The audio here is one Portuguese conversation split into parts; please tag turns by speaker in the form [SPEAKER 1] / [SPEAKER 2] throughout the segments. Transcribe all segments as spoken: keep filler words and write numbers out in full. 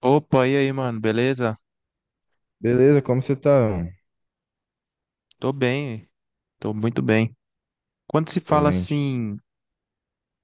[SPEAKER 1] Opa, e aí, mano, beleza?
[SPEAKER 2] Beleza, como você tá, mano?
[SPEAKER 1] Tô bem, tô muito bem. Quando se fala
[SPEAKER 2] Excelente.
[SPEAKER 1] assim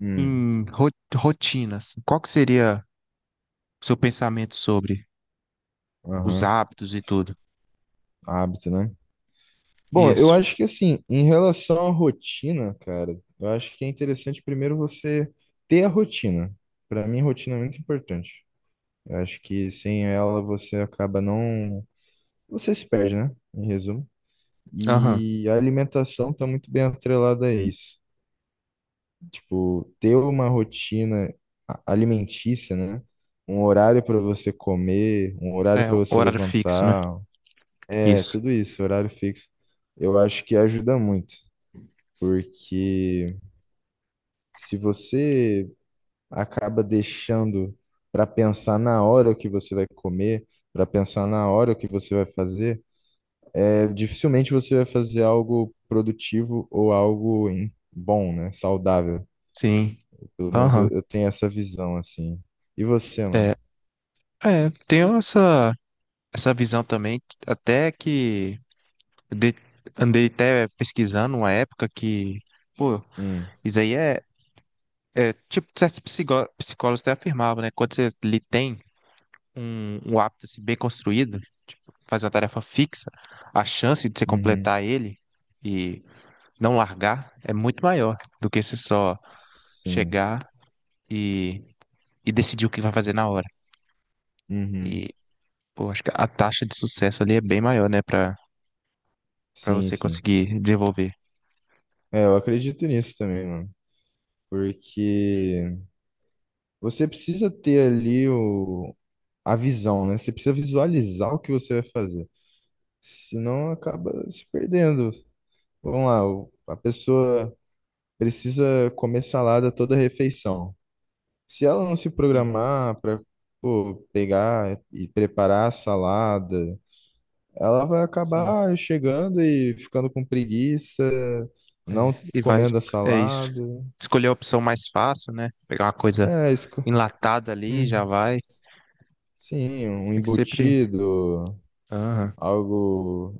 [SPEAKER 2] Hum,
[SPEAKER 1] em ro- rotinas, qual que seria o seu pensamento sobre os
[SPEAKER 2] aham,
[SPEAKER 1] hábitos e tudo?
[SPEAKER 2] hábito, né? Bom, eu
[SPEAKER 1] Isso.
[SPEAKER 2] acho que, assim, em relação à rotina, cara, eu acho que é interessante primeiro você ter a rotina. Pra mim, rotina é muito importante. Eu acho que sem ela você acaba não. Você se perde, né? Em resumo.
[SPEAKER 1] Aham.
[SPEAKER 2] E a alimentação tá muito bem atrelada a isso. Tipo, ter uma rotina a- alimentícia, né? Um horário para você comer, um horário
[SPEAKER 1] É,
[SPEAKER 2] para você
[SPEAKER 1] horário fixo, né?
[SPEAKER 2] levantar. É,
[SPEAKER 1] Isso.
[SPEAKER 2] tudo isso, horário fixo. Eu acho que ajuda muito, porque se você acaba deixando para pensar na hora o que você vai comer, para pensar na hora o que você vai fazer, é, dificilmente você vai fazer algo produtivo ou algo em- bom, né? Saudável.
[SPEAKER 1] Sim.
[SPEAKER 2] Pelo menos eu,
[SPEAKER 1] Aham.
[SPEAKER 2] eu tenho essa visão, assim. E você,
[SPEAKER 1] É,
[SPEAKER 2] mano?
[SPEAKER 1] é, tenho essa, essa, visão também, até que eu dei- andei até pesquisando uma época que, pô,
[SPEAKER 2] Hum,
[SPEAKER 1] isso aí é, é tipo, certos psicó- psicólogos até afirmavam, né? Quando você lhe tem um, um hábito assim, bem construído, faz uma tarefa fixa, a chance de você
[SPEAKER 2] uhum,
[SPEAKER 1] completar ele e não largar é muito maior do que você só
[SPEAKER 2] sim,
[SPEAKER 1] chegar e, e decidir o que vai fazer na hora.
[SPEAKER 2] uhum,
[SPEAKER 1] E, pô, acho que a taxa de sucesso ali é bem maior, né, para para
[SPEAKER 2] sim,
[SPEAKER 1] você
[SPEAKER 2] sim.
[SPEAKER 1] conseguir desenvolver.
[SPEAKER 2] É, eu acredito nisso também, mano, porque. Você precisa ter ali o, a visão, né? Você precisa visualizar o que você vai fazer. Senão acaba se perdendo. Vamos lá, o- a pessoa precisa comer salada toda refeição. Se ela não se
[SPEAKER 1] Sim,
[SPEAKER 2] programar para pegar e preparar a salada, ela vai
[SPEAKER 1] sim.
[SPEAKER 2] acabar chegando e ficando com preguiça,
[SPEAKER 1] É,
[SPEAKER 2] não
[SPEAKER 1] e vai, es-
[SPEAKER 2] comendo a
[SPEAKER 1] é isso.
[SPEAKER 2] salada.
[SPEAKER 1] Escolher a opção mais fácil, né? Pegar uma coisa
[SPEAKER 2] É isso. Que-
[SPEAKER 1] enlatada ali, já
[SPEAKER 2] Hum.
[SPEAKER 1] vai.
[SPEAKER 2] Sim, um
[SPEAKER 1] Tem que sempre.
[SPEAKER 2] embutido,
[SPEAKER 1] Aham,
[SPEAKER 2] algo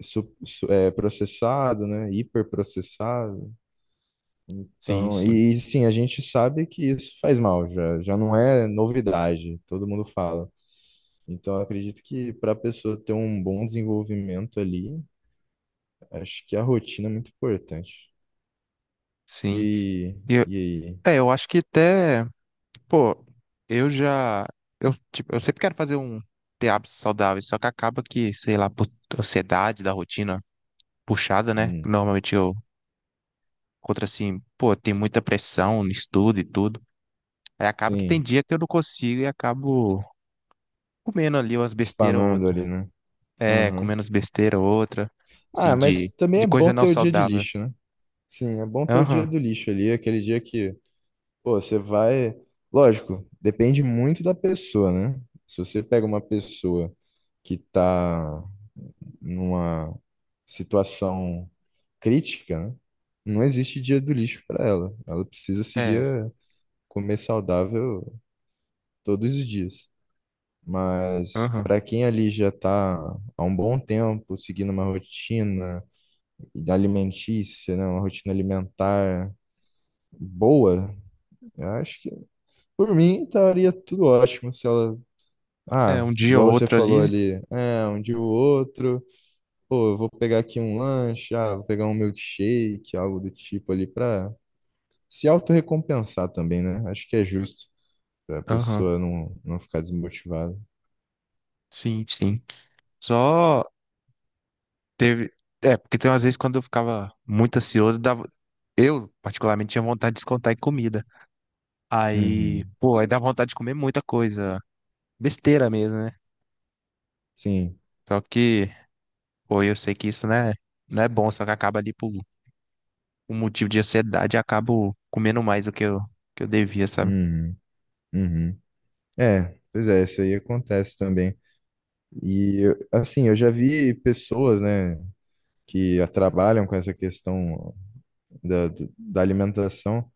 [SPEAKER 2] su- su- é, processado, né? Hiperprocessado.
[SPEAKER 1] sim,
[SPEAKER 2] Então,
[SPEAKER 1] sim,
[SPEAKER 2] e, e, sim, a gente sabe que isso faz mal, já, já não é novidade, todo mundo fala. Então, eu acredito que para a pessoa ter um bom desenvolvimento ali, acho que a rotina é muito importante.
[SPEAKER 1] sim.
[SPEAKER 2] E,
[SPEAKER 1] E
[SPEAKER 2] e aí?
[SPEAKER 1] É, eu acho que até, pô, eu já, eu, tipo, eu sempre quero fazer um ter hábitos saudáveis, só que acaba que, sei lá, por ansiedade da rotina puxada, né?
[SPEAKER 2] Hum,
[SPEAKER 1] Normalmente eu encontro assim, pô, tem muita pressão no estudo e tudo. Aí acaba que tem
[SPEAKER 2] sim,
[SPEAKER 1] dia que eu não consigo e acabo comendo ali umas besteiras ou
[SPEAKER 2] espanando
[SPEAKER 1] outra.
[SPEAKER 2] ali, né?
[SPEAKER 1] É,
[SPEAKER 2] Aham.
[SPEAKER 1] comendo umas besteiras ou outra,
[SPEAKER 2] Ah,
[SPEAKER 1] assim,
[SPEAKER 2] mas
[SPEAKER 1] de,
[SPEAKER 2] também
[SPEAKER 1] de
[SPEAKER 2] é bom
[SPEAKER 1] coisa não
[SPEAKER 2] ter o dia de
[SPEAKER 1] saudável.
[SPEAKER 2] lixo, né? Sim, é bom ter o dia
[SPEAKER 1] Aham,
[SPEAKER 2] do lixo ali, aquele dia que pô, você vai. Lógico, depende muito da pessoa, né? Se você pega uma pessoa que tá numa situação crítica, né? Não existe dia do lixo para ela. Ela precisa seguir
[SPEAKER 1] é,
[SPEAKER 2] a comer saudável todos os dias. Mas
[SPEAKER 1] aham.
[SPEAKER 2] para quem ali já está há um bom tempo seguindo uma rotina alimentícia, né? Uma rotina alimentar boa, eu acho que por mim tá, estaria tudo ótimo se ela
[SPEAKER 1] É,
[SPEAKER 2] ah,
[SPEAKER 1] um dia ou
[SPEAKER 2] igual você
[SPEAKER 1] outro
[SPEAKER 2] falou
[SPEAKER 1] ali,
[SPEAKER 2] ali, é, um dia o outro, pô, eu vou pegar aqui um lanche, ah, vou pegar um milkshake, algo do tipo ali pra se autorrecompensar também, né? Acho que é justo pra
[SPEAKER 1] aham,
[SPEAKER 2] pessoa não, não ficar desmotivada.
[SPEAKER 1] sim, sim. Só. Teve. É, porque tem umas vezes quando eu ficava muito ansioso, dava... Eu, particularmente, tinha vontade de descontar em comida. Aí,
[SPEAKER 2] Uhum,
[SPEAKER 1] pô, aí dá vontade de comer muita coisa. Besteira mesmo, né?
[SPEAKER 2] sim,
[SPEAKER 1] Só que, pô, eu sei que isso não é, não é bom, só que acaba ali por um motivo de ansiedade, eu acabo comendo mais do que eu, que eu devia, sabe?
[SPEAKER 2] uhum, uhum. É, pois é, isso aí acontece também. E, eu- assim, eu já vi pessoas, né, que trabalham com essa questão da, da alimentação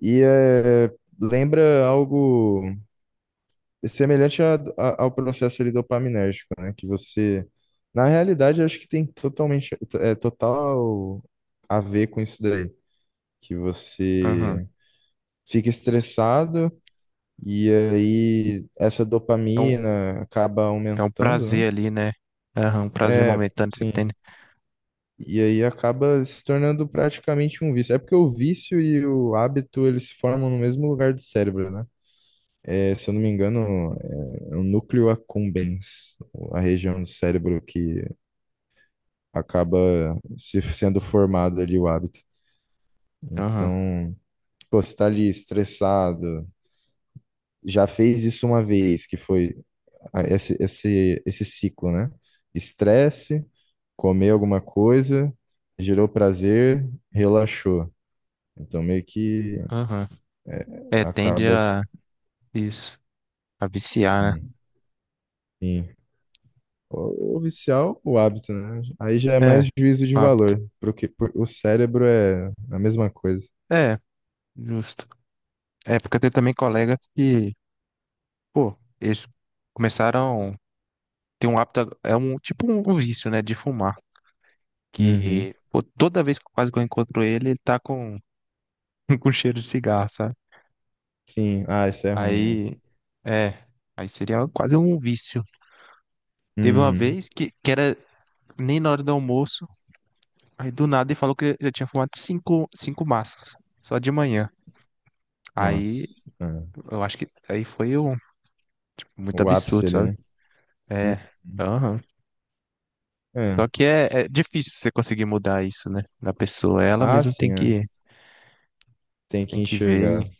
[SPEAKER 2] e é, lembra algo é semelhante a- a- ao processo ali dopaminérgico, né? Que você, na realidade, eu acho que tem totalmente, é total a ver com isso daí, que
[SPEAKER 1] Aham.
[SPEAKER 2] você fica estressado e aí essa
[SPEAKER 1] É um,
[SPEAKER 2] dopamina acaba
[SPEAKER 1] é um
[SPEAKER 2] aumentando, né?
[SPEAKER 1] prazer ali, né? Aham, um prazer
[SPEAKER 2] É,
[SPEAKER 1] momentâneo que você tem,
[SPEAKER 2] sim.
[SPEAKER 1] né?
[SPEAKER 2] E aí acaba se tornando praticamente um vício. É porque o vício e o hábito, eles se formam no mesmo lugar do cérebro, né? É, se eu não me engano, é, é o núcleo accumbens, a região do cérebro que acaba se sendo formado ali o hábito.
[SPEAKER 1] Aham,
[SPEAKER 2] Então, pô, você tá ali estressado, já fez isso uma vez, que foi a- esse, esse, esse ciclo, né? Estresse, comer alguma coisa, gerou prazer, relaxou. Então, meio que
[SPEAKER 1] aham. É, tende
[SPEAKER 2] acaba...
[SPEAKER 1] a isso, a viciar,
[SPEAKER 2] Hum,
[SPEAKER 1] né?
[SPEAKER 2] sim. O o vicial, o hábito, né? Aí já é
[SPEAKER 1] É,
[SPEAKER 2] mais juízo de
[SPEAKER 1] hábito.
[SPEAKER 2] valor, porque por- o cérebro é a mesma coisa.
[SPEAKER 1] É, justo. É, porque tem também colegas que, pô, eles começaram. Tem um hábito, é um tipo um vício, né, de fumar,
[SPEAKER 2] Uhum.
[SPEAKER 1] que pô, toda vez que quase que eu encontro ele, ele tá com com cheiro de cigarro, sabe?
[SPEAKER 2] Sim, ah, isso é ruim, né?
[SPEAKER 1] Aí é, aí seria quase um vício. Teve uma
[SPEAKER 2] Uhum.
[SPEAKER 1] vez que, que, era nem na hora do almoço, aí do nada ele falou que ele já tinha fumado cinco, cinco maços, só de manhã. Aí
[SPEAKER 2] Nossa, é.
[SPEAKER 1] eu acho que aí foi um, muito
[SPEAKER 2] O ápice
[SPEAKER 1] absurdo,
[SPEAKER 2] ali,
[SPEAKER 1] sabe?
[SPEAKER 2] né?
[SPEAKER 1] É,
[SPEAKER 2] Uhum.
[SPEAKER 1] aham. Só
[SPEAKER 2] É.
[SPEAKER 1] que é, é difícil você conseguir mudar isso, né, na pessoa. Ela
[SPEAKER 2] Ah,
[SPEAKER 1] mesmo tem
[SPEAKER 2] sim, é.
[SPEAKER 1] que,
[SPEAKER 2] Tem
[SPEAKER 1] tem
[SPEAKER 2] que
[SPEAKER 1] que ver
[SPEAKER 2] enxergar.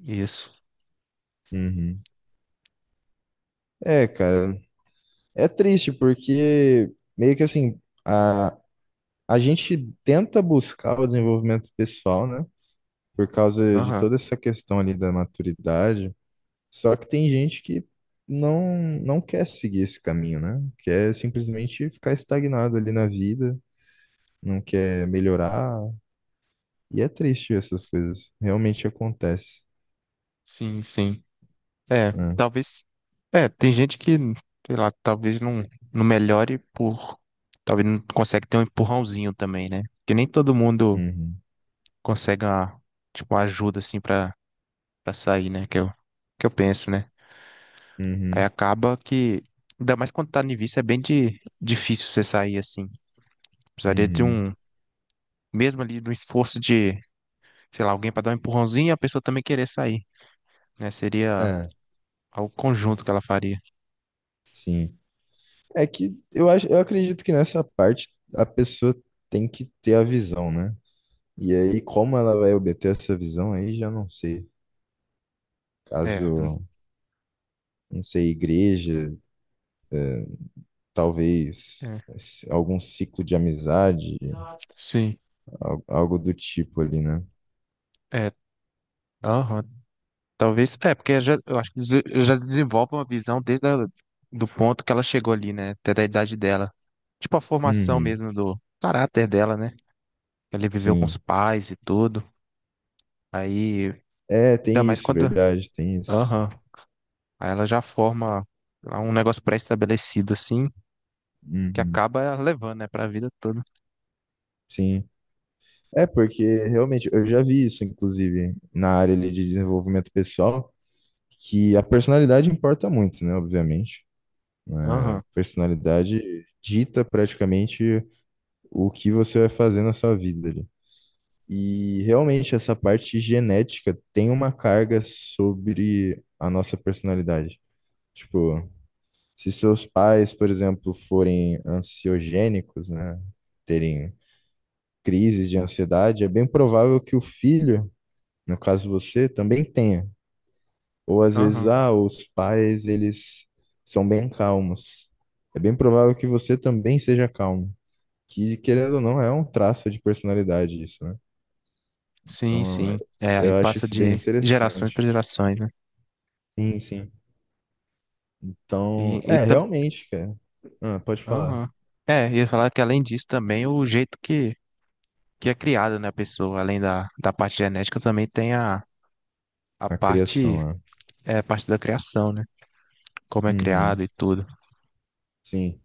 [SPEAKER 1] e, isso.
[SPEAKER 2] Uhum. É, cara, é triste porque meio que assim, a, a gente tenta buscar o desenvolvimento pessoal, né? Por causa de
[SPEAKER 1] Aham,
[SPEAKER 2] toda essa questão ali da maturidade, só que tem gente que não, não quer seguir esse caminho, né? Quer simplesmente ficar estagnado ali na vida, não quer melhorar. E é triste essas coisas. Realmente acontece,
[SPEAKER 1] sim, sim. É,
[SPEAKER 2] né?
[SPEAKER 1] talvez. É, tem gente que, sei lá, talvez não, não melhore por. Talvez não consegue ter um empurrãozinho também, né? Porque nem todo mundo
[SPEAKER 2] Uhum,
[SPEAKER 1] consegue uma, tipo, uma ajuda assim pra, pra sair, né? Que eu, que eu penso, né? Aí
[SPEAKER 2] uhum,
[SPEAKER 1] acaba que. Ainda mais quando tá no início, é bem de, difícil você sair assim. Precisaria de
[SPEAKER 2] uhum.
[SPEAKER 1] um. Mesmo ali, de um esforço de, sei lá, alguém pra dar um empurrãozinho e a pessoa também querer sair, né? Seria
[SPEAKER 2] É,
[SPEAKER 1] algo conjunto que ela faria.
[SPEAKER 2] sim. É que eu acho, eu acredito que nessa parte a pessoa tem que ter a visão, né? E aí, como ela vai obter essa visão aí, já não sei. Caso, não sei, igreja é, talvez
[SPEAKER 1] É,
[SPEAKER 2] esse- algum ciclo de amizade,
[SPEAKER 1] sim,
[SPEAKER 2] al- algo do tipo ali, né?
[SPEAKER 1] é, aham, talvez, é, porque já, eu acho que dese- já desenvolve uma visão desde a, do ponto que ela chegou ali, né, até da idade dela, tipo a formação
[SPEAKER 2] Uhum,
[SPEAKER 1] mesmo do caráter dela, né, ela viveu com os
[SPEAKER 2] sim.
[SPEAKER 1] pais e tudo, aí,
[SPEAKER 2] É,
[SPEAKER 1] ainda
[SPEAKER 2] tem
[SPEAKER 1] mais
[SPEAKER 2] isso,
[SPEAKER 1] quando,
[SPEAKER 2] verdade, tem isso.
[SPEAKER 1] aham, aí ela já forma lá um negócio pré-estabelecido, assim, que
[SPEAKER 2] Uhum,
[SPEAKER 1] acaba levando, né, pra vida toda,
[SPEAKER 2] sim. É, porque realmente eu já vi isso, inclusive, na área ali de desenvolvimento pessoal, que a personalidade importa muito, né? Obviamente. A
[SPEAKER 1] aham,
[SPEAKER 2] personalidade dita praticamente o que você vai fazer na sua vida ali. E realmente essa parte genética tem uma carga sobre a nossa personalidade. Tipo, se seus pais, por exemplo, forem ansiogênicos, né, terem crises de ansiedade, é bem provável que o filho, no caso você, também tenha. Ou às vezes,
[SPEAKER 1] aham,
[SPEAKER 2] ah, os pais, eles são bem calmos. É bem provável que você também seja calmo. Que, querendo ou não, é um traço de personalidade isso, né?
[SPEAKER 1] sim,
[SPEAKER 2] Então,
[SPEAKER 1] sim, é, aí
[SPEAKER 2] eu acho
[SPEAKER 1] passa
[SPEAKER 2] isso bem
[SPEAKER 1] de gerações
[SPEAKER 2] interessante.
[SPEAKER 1] para gerações, né.
[SPEAKER 2] Sim, sim.
[SPEAKER 1] e,
[SPEAKER 2] Então,
[SPEAKER 1] e
[SPEAKER 2] é, realmente, cara. Ah, pode falar.
[SPEAKER 1] Aham. É, ia falar que além disso também o jeito que, que é criada, né, a pessoa, além da, da parte genética, também tem a, a
[SPEAKER 2] A criação
[SPEAKER 1] parte,
[SPEAKER 2] lá.
[SPEAKER 1] é, a parte da criação, né? Como é criado
[SPEAKER 2] Uhum,
[SPEAKER 1] e tudo.
[SPEAKER 2] sim.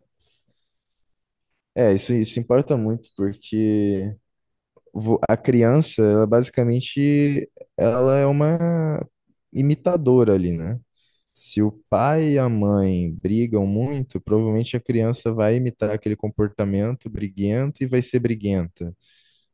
[SPEAKER 2] É, isso, isso importa muito, porque vo- a criança, ela basicamente, ela é uma imitadora ali, né? Se o pai e a mãe brigam muito, provavelmente a criança vai imitar aquele comportamento briguento e vai ser briguenta.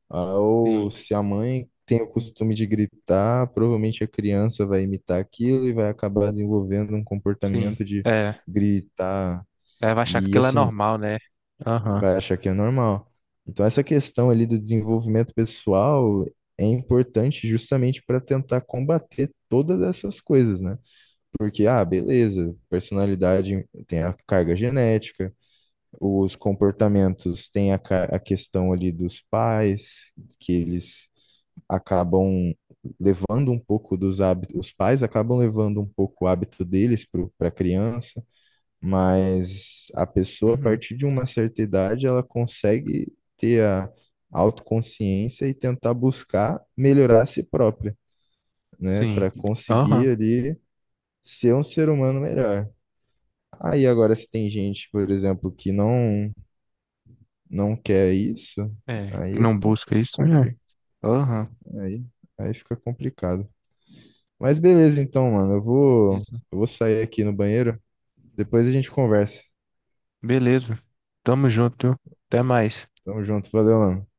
[SPEAKER 2] Ah,
[SPEAKER 1] Sim,
[SPEAKER 2] ou se a mãe tem o costume de gritar, provavelmente a criança vai imitar aquilo e vai acabar desenvolvendo um
[SPEAKER 1] sim.
[SPEAKER 2] comportamento de
[SPEAKER 1] É.
[SPEAKER 2] gritar,
[SPEAKER 1] Deve achar que
[SPEAKER 2] e
[SPEAKER 1] aquilo é
[SPEAKER 2] assim,
[SPEAKER 1] normal, né? Aham.
[SPEAKER 2] vai achar que é normal. Então, essa questão ali do desenvolvimento pessoal é importante justamente para tentar combater todas essas coisas, né? Porque, ah, beleza, personalidade tem a carga genética, os comportamentos tem a, ca- a questão ali dos pais, que eles acabam levando um pouco dos hábitos, os pais acabam levando um pouco o hábito deles para a criança, mas a pessoa, a
[SPEAKER 1] Uhum.
[SPEAKER 2] partir de uma certa idade, ela consegue ter a autoconsciência e tentar buscar melhorar a si própria, né,
[SPEAKER 1] Sim.
[SPEAKER 2] para
[SPEAKER 1] Aham.
[SPEAKER 2] conseguir ali ser um ser humano melhor. Aí agora se tem gente, por exemplo, que não não quer isso,
[SPEAKER 1] É, que
[SPEAKER 2] aí é
[SPEAKER 1] não busca isso, né?
[SPEAKER 2] compli,
[SPEAKER 1] Aham.
[SPEAKER 2] aí, aí fica complicado. Mas beleza, então, mano. Eu vou,
[SPEAKER 1] Isso.
[SPEAKER 2] eu vou sair aqui no banheiro. Depois a gente conversa.
[SPEAKER 1] Beleza. Tamo junto, viu? Até mais.
[SPEAKER 2] Tamo junto. Valeu, mano.